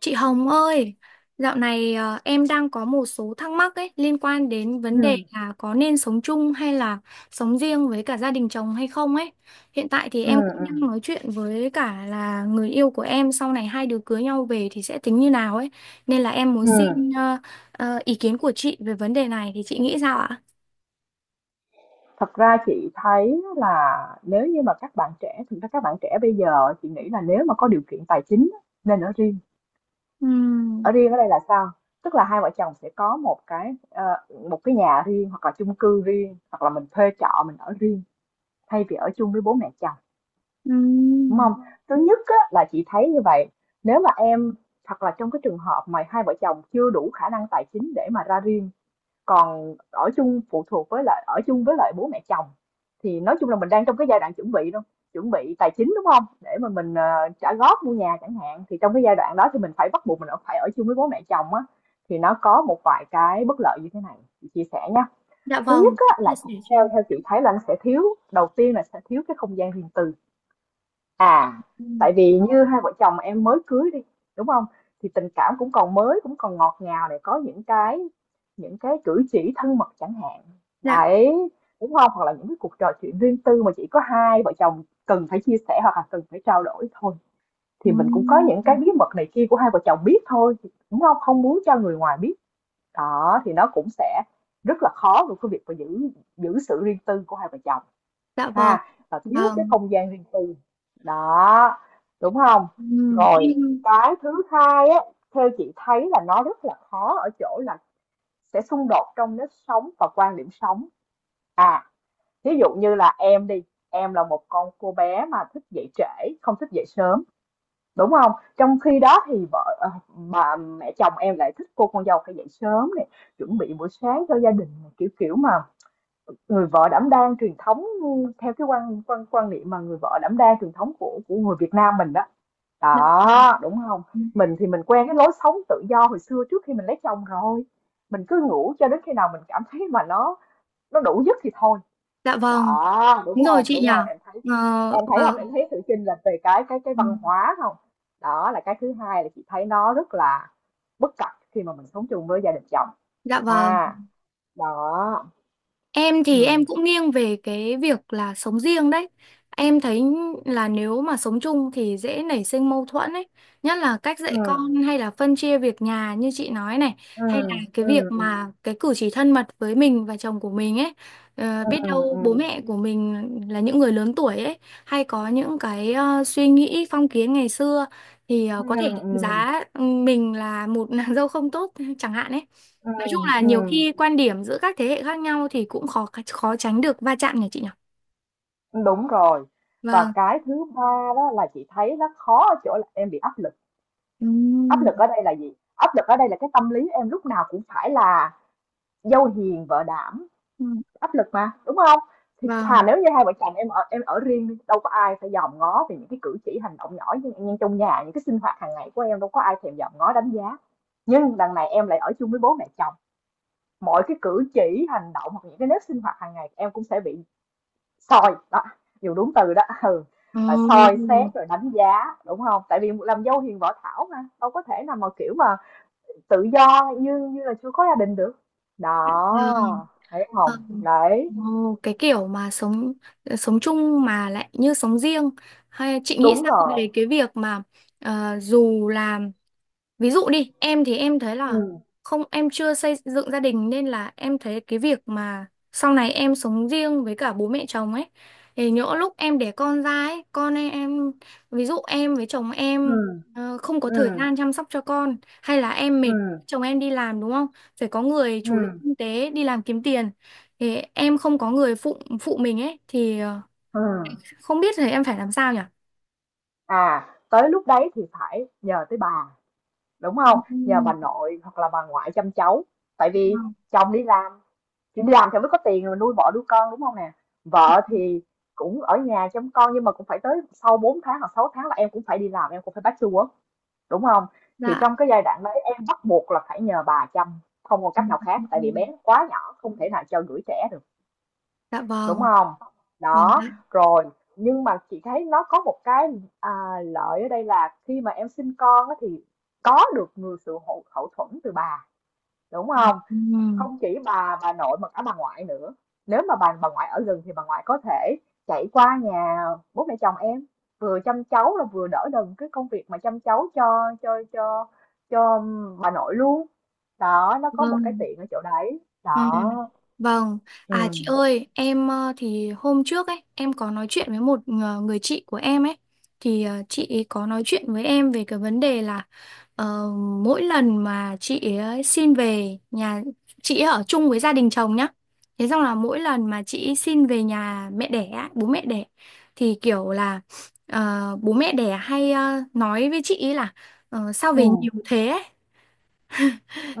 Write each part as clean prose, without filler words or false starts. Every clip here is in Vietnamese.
Chị Hồng ơi, dạo này em đang có một số thắc mắc ấy liên quan đến vấn Ừ, đề là có nên sống chung hay là sống riêng với cả gia đình chồng hay không ấy. Hiện tại thì ừ, em cũng ừ, đang nói chuyện với cả là người yêu của em sau này hai đứa cưới nhau về thì sẽ tính như nào ấy. Nên là em muốn ừm. xin ý kiến của chị về vấn đề này thì chị nghĩ sao ạ? Thật ra chị thấy là nếu như mà các bạn trẻ, thực ra các bạn trẻ bây giờ chị nghĩ là nếu mà có điều kiện tài chính á, nên ở riêng. Ừm, Ở riêng ở đây là sao? Tức là hai vợ chồng sẽ có một cái nhà riêng hoặc là chung cư riêng hoặc là mình thuê trọ mình ở riêng thay vì ở chung với bố mẹ chồng, đúng ừm. không? Thứ nhất á, là chị thấy như vậy. Nếu mà em hoặc là trong cái trường hợp mà hai vợ chồng chưa đủ khả năng tài chính để mà ra riêng, còn ở chung phụ thuộc với lại ở chung với lại bố mẹ chồng, thì nói chung là mình đang trong cái giai đoạn chuẩn bị luôn, chuẩn bị tài chính, đúng không, để mà mình trả góp mua nhà chẳng hạn. Thì trong cái giai đoạn đó thì mình phải bắt buộc mình phải ở chung với bố mẹ chồng á, thì nó có một vài cái bất lợi như thế này, chị chia sẻ nha. Dạ Thứ nhất vâng. Chị á, chia là sẻ cho theo em. theo chị thấy là nó sẽ thiếu, đầu tiên là sẽ thiếu cái không gian riêng tư. À, Ừm. tại vì như hai vợ chồng em mới cưới đi, đúng không? Thì tình cảm cũng còn mới, cũng còn ngọt ngào, để có những cái cử chỉ thân mật chẳng hạn. Dạ. Đấy, đúng không? Hoặc là những cái cuộc trò chuyện riêng tư mà chỉ có hai vợ chồng cần phải chia sẻ hoặc là cần phải trao đổi thôi. Thì mình cũng có những cái Ừm. bí mật này kia của hai vợ chồng biết thôi, đúng không? Không muốn cho người ngoài biết. Đó, thì nó cũng sẽ rất là khó với cái việc mà giữ giữ sự riêng tư của hai vợ chồng, Dạ vâng. ha, và thiếu cái Vâng. không gian riêng tư đó, đúng không? Rồi, em. cái thứ hai á, theo chị thấy là nó rất là khó ở chỗ là sẽ xung đột trong nếp sống và quan điểm sống. À, ví dụ như là em đi, em là một con cô bé mà thích dậy trễ không thích dậy sớm, đúng không? Trong khi đó thì bà mẹ chồng em lại thích cô con dâu phải dậy sớm này, chuẩn bị buổi sáng cho gia đình này, kiểu kiểu mà, người vợ đảm đang truyền thống, theo cái quan quan quan niệm mà người vợ đảm đang truyền thống của người Việt Nam mình đó. Dạ, Đó, đúng không? Mình thì mình quen cái lối sống tự do hồi xưa trước khi mình lấy chồng rồi. Mình cứ ngủ cho đến khi nào mình cảm thấy mà nó đủ giấc thì thôi. dạ vâng, Đó, đúng đúng rồi không? chị Đúng nhỉ. không? Em thấy Ờ, em thấy vâng. không? Em thấy sự chênh lệch về cái Ừ. văn hóa không? Đó là cái thứ hai là chị thấy nó rất là bất cập khi mà mình sống chung với gia đình chồng, Dạ vâng. ha. Đó. Em thì Ừm, em cũng nghiêng về cái việc là sống riêng đấy. Em thấy là nếu mà sống chung thì dễ nảy sinh mâu thuẫn ấy, nhất là cách dạy ừm, con hay là phân chia việc nhà như chị nói này, hay ừm, là cái việc ừm. mà cái cử chỉ thân mật với mình và chồng của mình ấy. Ờ, Ừ, biết ừ, đâu ừ, bố mẹ của mình là những người lớn tuổi ấy, hay có những cái suy nghĩ phong kiến ngày xưa thì có thể đánh ừ, giá ừ, mình là một nàng dâu không tốt chẳng hạn ấy. Nói chung ừm, là nhiều ừm, khi quan điểm giữa các thế hệ khác nhau thì cũng khó khó tránh được va chạm nhỉ chị nhỉ? đúng rồi. Và Vâng. cái thứ ba đó là chị thấy nó khó ở chỗ là em bị áp lực. Áp Ừm, lực ở đây là gì? Áp lực ở đây là cái tâm lý em lúc nào cũng phải là dâu hiền vợ đảm, ừm. áp lực mà, đúng không? Thì thà Vâng. nếu như hai vợ chồng em ở, em ở riêng đi, đâu có ai phải dòm ngó về những cái cử chỉ hành động nhỏ như trong nhà, những cái sinh hoạt hàng ngày của em đâu có ai thèm dòm ngó đánh giá. Nhưng đằng này em lại ở chung với bố mẹ chồng, mọi cái cử chỉ hành động hoặc những cái nếp sinh hoạt hàng ngày em cũng sẽ bị soi, đó, dùng đúng từ đó, ừ, Ồ. là soi Vâng. xét rồi đánh giá, đúng không? Tại vì làm dâu hiền võ thảo mà, đâu có thể nào mà, kiểu mà, tự do như như là chưa có gia đình được. Đó, thấy hông? Vâng. Đấy, Ồ, cái kiểu mà sống sống chung mà lại như sống riêng hay chị nghĩ đúng sao rồi. về cái việc mà dù là. Ví dụ đi, em thì em thấy là Ừm, không em chưa xây dựng gia đình nên là em thấy cái việc mà sau này em sống riêng với cả bố mẹ chồng ấy thì nhỡ lúc em đẻ con ra ấy, con em ví dụ em với chồng em ừm, không có thời ừm, gian chăm sóc cho con hay là em mệt, ừm, chồng em đi làm đúng không? Phải có người chủ lực ừm, kinh tế đi làm kiếm tiền thì em không có người phụ phụ mình ấy thì ừm. không biết thì em phải làm sao nhỉ? À, tới lúc đấy thì phải nhờ tới bà, đúng không? Nhờ bà Ừ, nội hoặc là bà ngoại chăm cháu, tại đúng vì rồi. chồng đi làm, thì đi làm thì mới có tiền rồi nuôi bỏ đứa con, đúng không nè? Vợ thì cũng ở nhà chăm con, nhưng mà cũng phải tới sau 4 tháng hoặc 6 tháng là em cũng phải đi làm, em cũng phải bachelor, đúng không? Thì Dạ. trong cái giai đoạn đấy em bắt buộc là phải nhờ bà chăm, không còn Ừ, cách nào khác, ừ, tại ừ. vì bé nó quá nhỏ, không thể nào cho gửi trẻ được, Dạ đúng vâng. không? Vâng Đó, ạ. rồi. Nhưng mà chị thấy nó có một cái, à, lợi ở đây là khi mà em sinh con á thì có được người sự hậu thuẫn từ bà, đúng không? Ừ. Không chỉ bà nội mà cả bà ngoại nữa. Nếu mà bà ngoại ở gần thì bà ngoại có thể chạy qua nhà bố mẹ chồng em, vừa chăm cháu là vừa đỡ đần cái công việc mà chăm cháu cho cho bà nội luôn. Đó, nó có một cái Vâng. tiện ở chỗ đấy Vâng. đó. Vâng. À Ừ. chị ơi, em thì hôm trước ấy, em có nói chuyện với một người chị của em ấy thì chị ấy có nói chuyện với em về cái vấn đề là ờ, mỗi lần mà chị ấy xin về nhà, chị ấy ở chung với gia đình chồng nhá. Thế xong là mỗi lần mà chị ấy xin về nhà mẹ đẻ, á, bố mẹ đẻ thì kiểu là bố mẹ đẻ hay nói với chị ấy là sao Ừ, về nhiều thế ấy?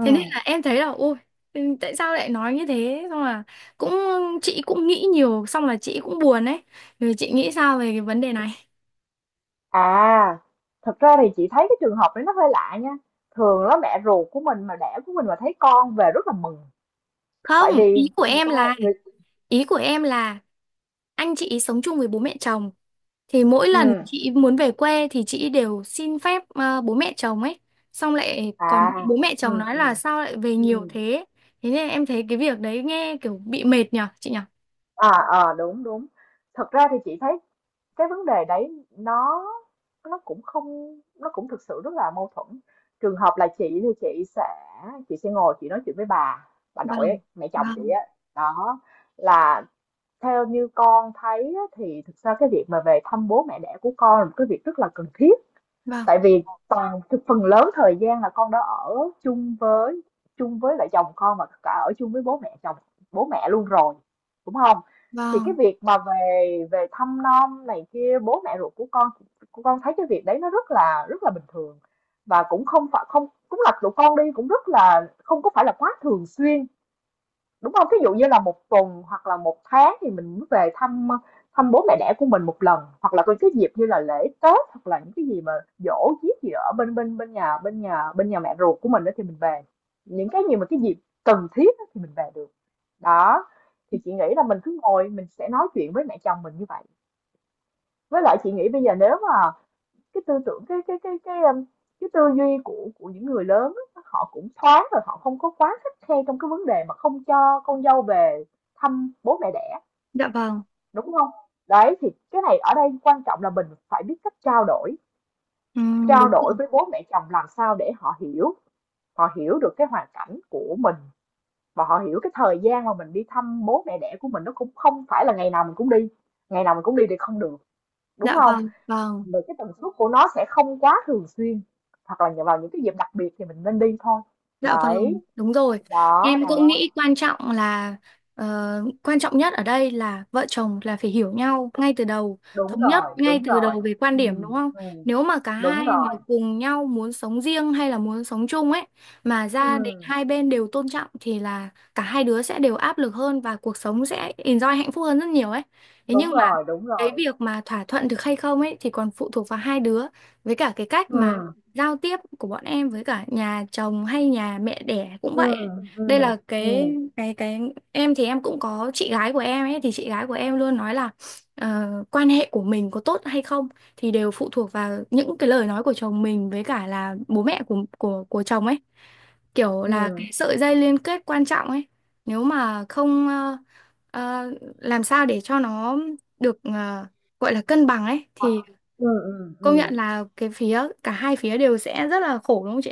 Thế nên là em thấy là ôi, ừ, tại sao lại nói như thế, xong là cũng, chị cũng nghĩ nhiều xong là chị cũng buồn ấy, rồi chị nghĩ sao về cái vấn đề này. À, thật ra thì chị thấy cái trường hợp đấy nó hơi lạ nha. Thường là mẹ ruột của mình mà đẻ của mình mà thấy con về rất là mừng. Không, Tại vì ý của người em ta, là, người... ý của em là anh chị sống chung với bố mẹ chồng thì mỗi Ừ, lần chị muốn về quê thì chị đều xin phép bố mẹ chồng ấy, xong lại à, còn bị bố mẹ ừ, chồng nói ừ. là sao lại về Ừ. nhiều thế, thế nên em thấy cái việc đấy nghe kiểu bị mệt nhở chị nhở. À, ờ, đúng, đúng. Thật ra thì chị thấy cái vấn đề đấy nó cũng không, nó cũng thực sự rất là mâu thuẫn. Trường hợp là chị thì chị sẽ ngồi chị nói chuyện với bà nội Vâng, ấy, mẹ chồng chị vâng, á. Đó là, theo như con thấy á, thì thực ra cái việc mà về thăm bố mẹ đẻ của con là một cái việc rất là cần thiết, vâng, tại vì toàn, phần lớn thời gian là con đã ở chung với, chung với lại chồng con và cả ở chung với bố mẹ chồng, bố mẹ luôn rồi, đúng không? Thì cái vâng, việc mà về về thăm nom này kia bố mẹ ruột của con thấy cái việc đấy nó rất là bình thường, và cũng không phải không, cũng là tụi con đi cũng rất là không có phải là quá thường xuyên. Đúng không? Ví dụ như là một tuần hoặc là một tháng thì mình mới về thăm, thăm bố mẹ đẻ của mình một lần, hoặc là có cái dịp như là lễ Tết, hoặc là những cái gì mà giỗ giết gì ở bên bên bên nhà bên nhà bên nhà mẹ ruột của mình á thì mình về. Những cái gì mà cái dịp cần thiết á thì mình về được. Đó, thì chị nghĩ là mình cứ ngồi mình sẽ nói chuyện với mẹ chồng mình như vậy. Với lại chị nghĩ bây giờ nếu mà cái tư tưởng cái tư duy của những người lớn á, họ cũng thoáng rồi, họ không có quá khắt khe trong cái vấn đề mà không cho con dâu về thăm bố mẹ đẻ, dạ vâng, đúng không? Đấy, thì cái này ở đây quan trọng là mình phải biết cách ừ, trao đúng đổi rồi. với bố mẹ chồng làm sao để họ hiểu được cái hoàn cảnh của mình, và họ hiểu cái thời gian mà mình đi thăm bố mẹ đẻ của mình nó cũng không phải là ngày nào mình cũng đi, ngày nào mình cũng đi thì không được, đúng Dạ không? vâng, vâng, Vì cái tần suất của nó sẽ không quá thường xuyên, hoặc là nhờ vào những cái dịp đặc biệt thì mình nên đi thôi. dạ vâng, Đấy, đúng rồi. đó, Em cũng đó. nghĩ quan trọng là ờ, quan trọng nhất ở đây là vợ chồng là phải hiểu nhau ngay từ đầu, Đúng thống nhất rồi, ngay đúng từ rồi. đầu về quan điểm đúng Ừm. không? Nếu mà cả Đúng hai mà rồi. cùng nhau muốn sống riêng hay là muốn sống chung ấy mà gia đình Ừm, hai bên đều tôn trọng thì là cả hai đứa sẽ đều áp lực hơn và cuộc sống sẽ enjoy hạnh phúc hơn rất nhiều ấy. Thế nhưng đúng mà rồi, đúng cái rồi. việc mà thỏa thuận được hay không ấy thì còn phụ thuộc vào hai đứa với cả cái cách mà Ừm, giao tiếp của bọn em với cả nhà chồng hay nhà mẹ đẻ cũng vậy. ừm, Đây ừm, là cái ừm, cái, em thì em cũng có chị gái của em ấy thì chị gái của em luôn nói là quan hệ của mình có tốt hay không thì đều phụ thuộc vào những cái lời nói của chồng mình với cả là bố mẹ của chồng ấy, kiểu là ừm, cái sợi dây liên kết quan trọng ấy. Nếu mà không ờ, làm sao để cho nó được gọi là cân bằng ấy thì ừm, ừm, công ừm. nhận là cái phía cả hai phía đều sẽ rất là khổ đúng không chị?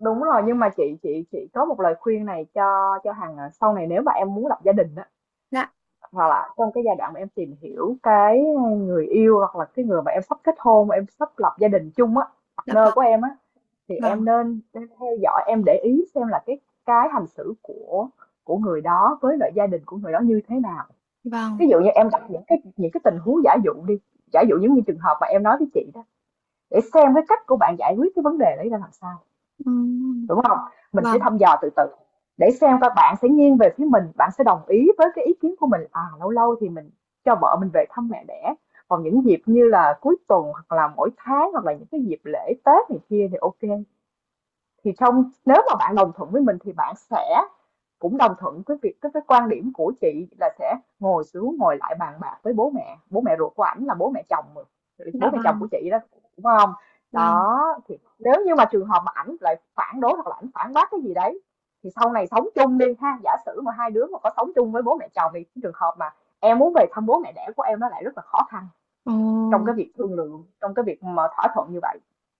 Đúng rồi, nhưng mà chị có một lời khuyên này cho Hằng, à, sau này nếu mà em muốn lập gia đình á, Dạ, hoặc là trong cái giai đoạn mà em tìm hiểu cái người yêu hoặc là cái người mà em sắp kết hôn, em sắp lập gia đình chung á, dạ partner vâng, của em á, thì vâng, em nên theo dõi, em để ý xem là cái hành xử của người đó với lại gia đình của người đó như thế nào. Ví vâng, dụ như em gặp những cái tình huống giả dụ đi, giả dụ những như trường hợp mà em nói với chị đó, để xem cái cách của bạn giải quyết cái vấn đề đấy ra làm sao. ừm, Đúng không? Mình sẽ vâng, thăm dò từ từ để xem các bạn sẽ nghiêng về phía mình, bạn sẽ đồng ý với cái ý kiến của mình. À, lâu lâu thì mình cho vợ mình về thăm mẹ đẻ, còn những dịp như là cuối tuần hoặc là mỗi tháng hoặc là những cái dịp lễ Tết này kia thì ok. Thì trong, nếu mà bạn đồng thuận với mình thì bạn sẽ cũng đồng thuận với việc cái quan điểm của chị là sẽ ngồi xuống ngồi lại bàn bạc với bố mẹ ruột của ảnh, là bố mẹ chồng, bố dạ mẹ chồng vâng, của chị đó, đúng không? vâng, Đó. Thì nếu như mà trường hợp mà ảnh lại phản đối hoặc là ảnh phản bác cái gì đấy, thì sau này sống chung đi ha, giả sử mà hai đứa mà có sống chung với bố mẹ chồng, thì cái trường hợp mà em muốn về thăm bố mẹ đẻ của em nó lại rất là khó khăn trong ồ, cái việc thương lượng, trong cái việc mà thỏa thuận như vậy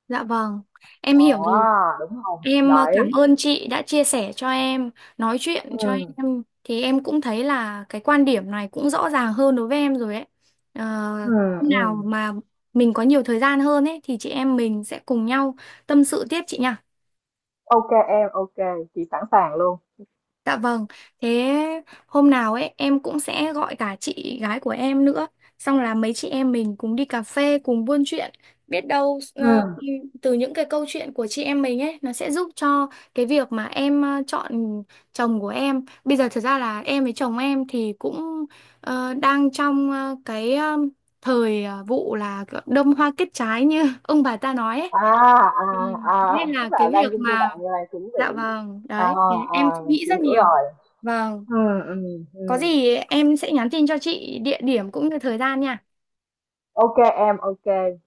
dạ vâng, em hiểu rồi. đó, đúng không? Em cảm Đấy. ơn chị đã chia sẻ cho em, nói chuyện cho Ừ, em, thì em cũng thấy là cái quan điểm này cũng rõ ràng hơn đối với em rồi ấy. Ờ, ừ, hôm nào ừ. mà mình có nhiều thời gian hơn ấy thì chị em mình sẽ cùng nhau tâm sự tiếp chị nhỉ? OK em, OK. Chị sẵn sàng luôn. Dạ vâng, thế hôm nào ấy em cũng sẽ gọi cả chị gái của em nữa, xong là mấy chị em mình cùng đi cà phê, cùng buôn chuyện, biết đâu Ừ, từ những cái câu chuyện của chị em mình ấy nó sẽ giúp cho cái việc mà em chọn chồng của em. Bây giờ thật ra là em với chồng em thì cũng đang trong cái thời vụ là đâm hoa kết trái như ông bà ta nói ấy. à, à, Ừ, nên à, là tức cái là đang việc trong giai mà, đoạn là chuẩn dạ bị. vâng, À, đấy, thì à, em suy nghĩ chị rất hiểu nhiều. rồi. Vâng, Ừ, ừ, có ừ. gì em sẽ nhắn tin cho chị địa điểm cũng như thời gian nha. OK em, OK.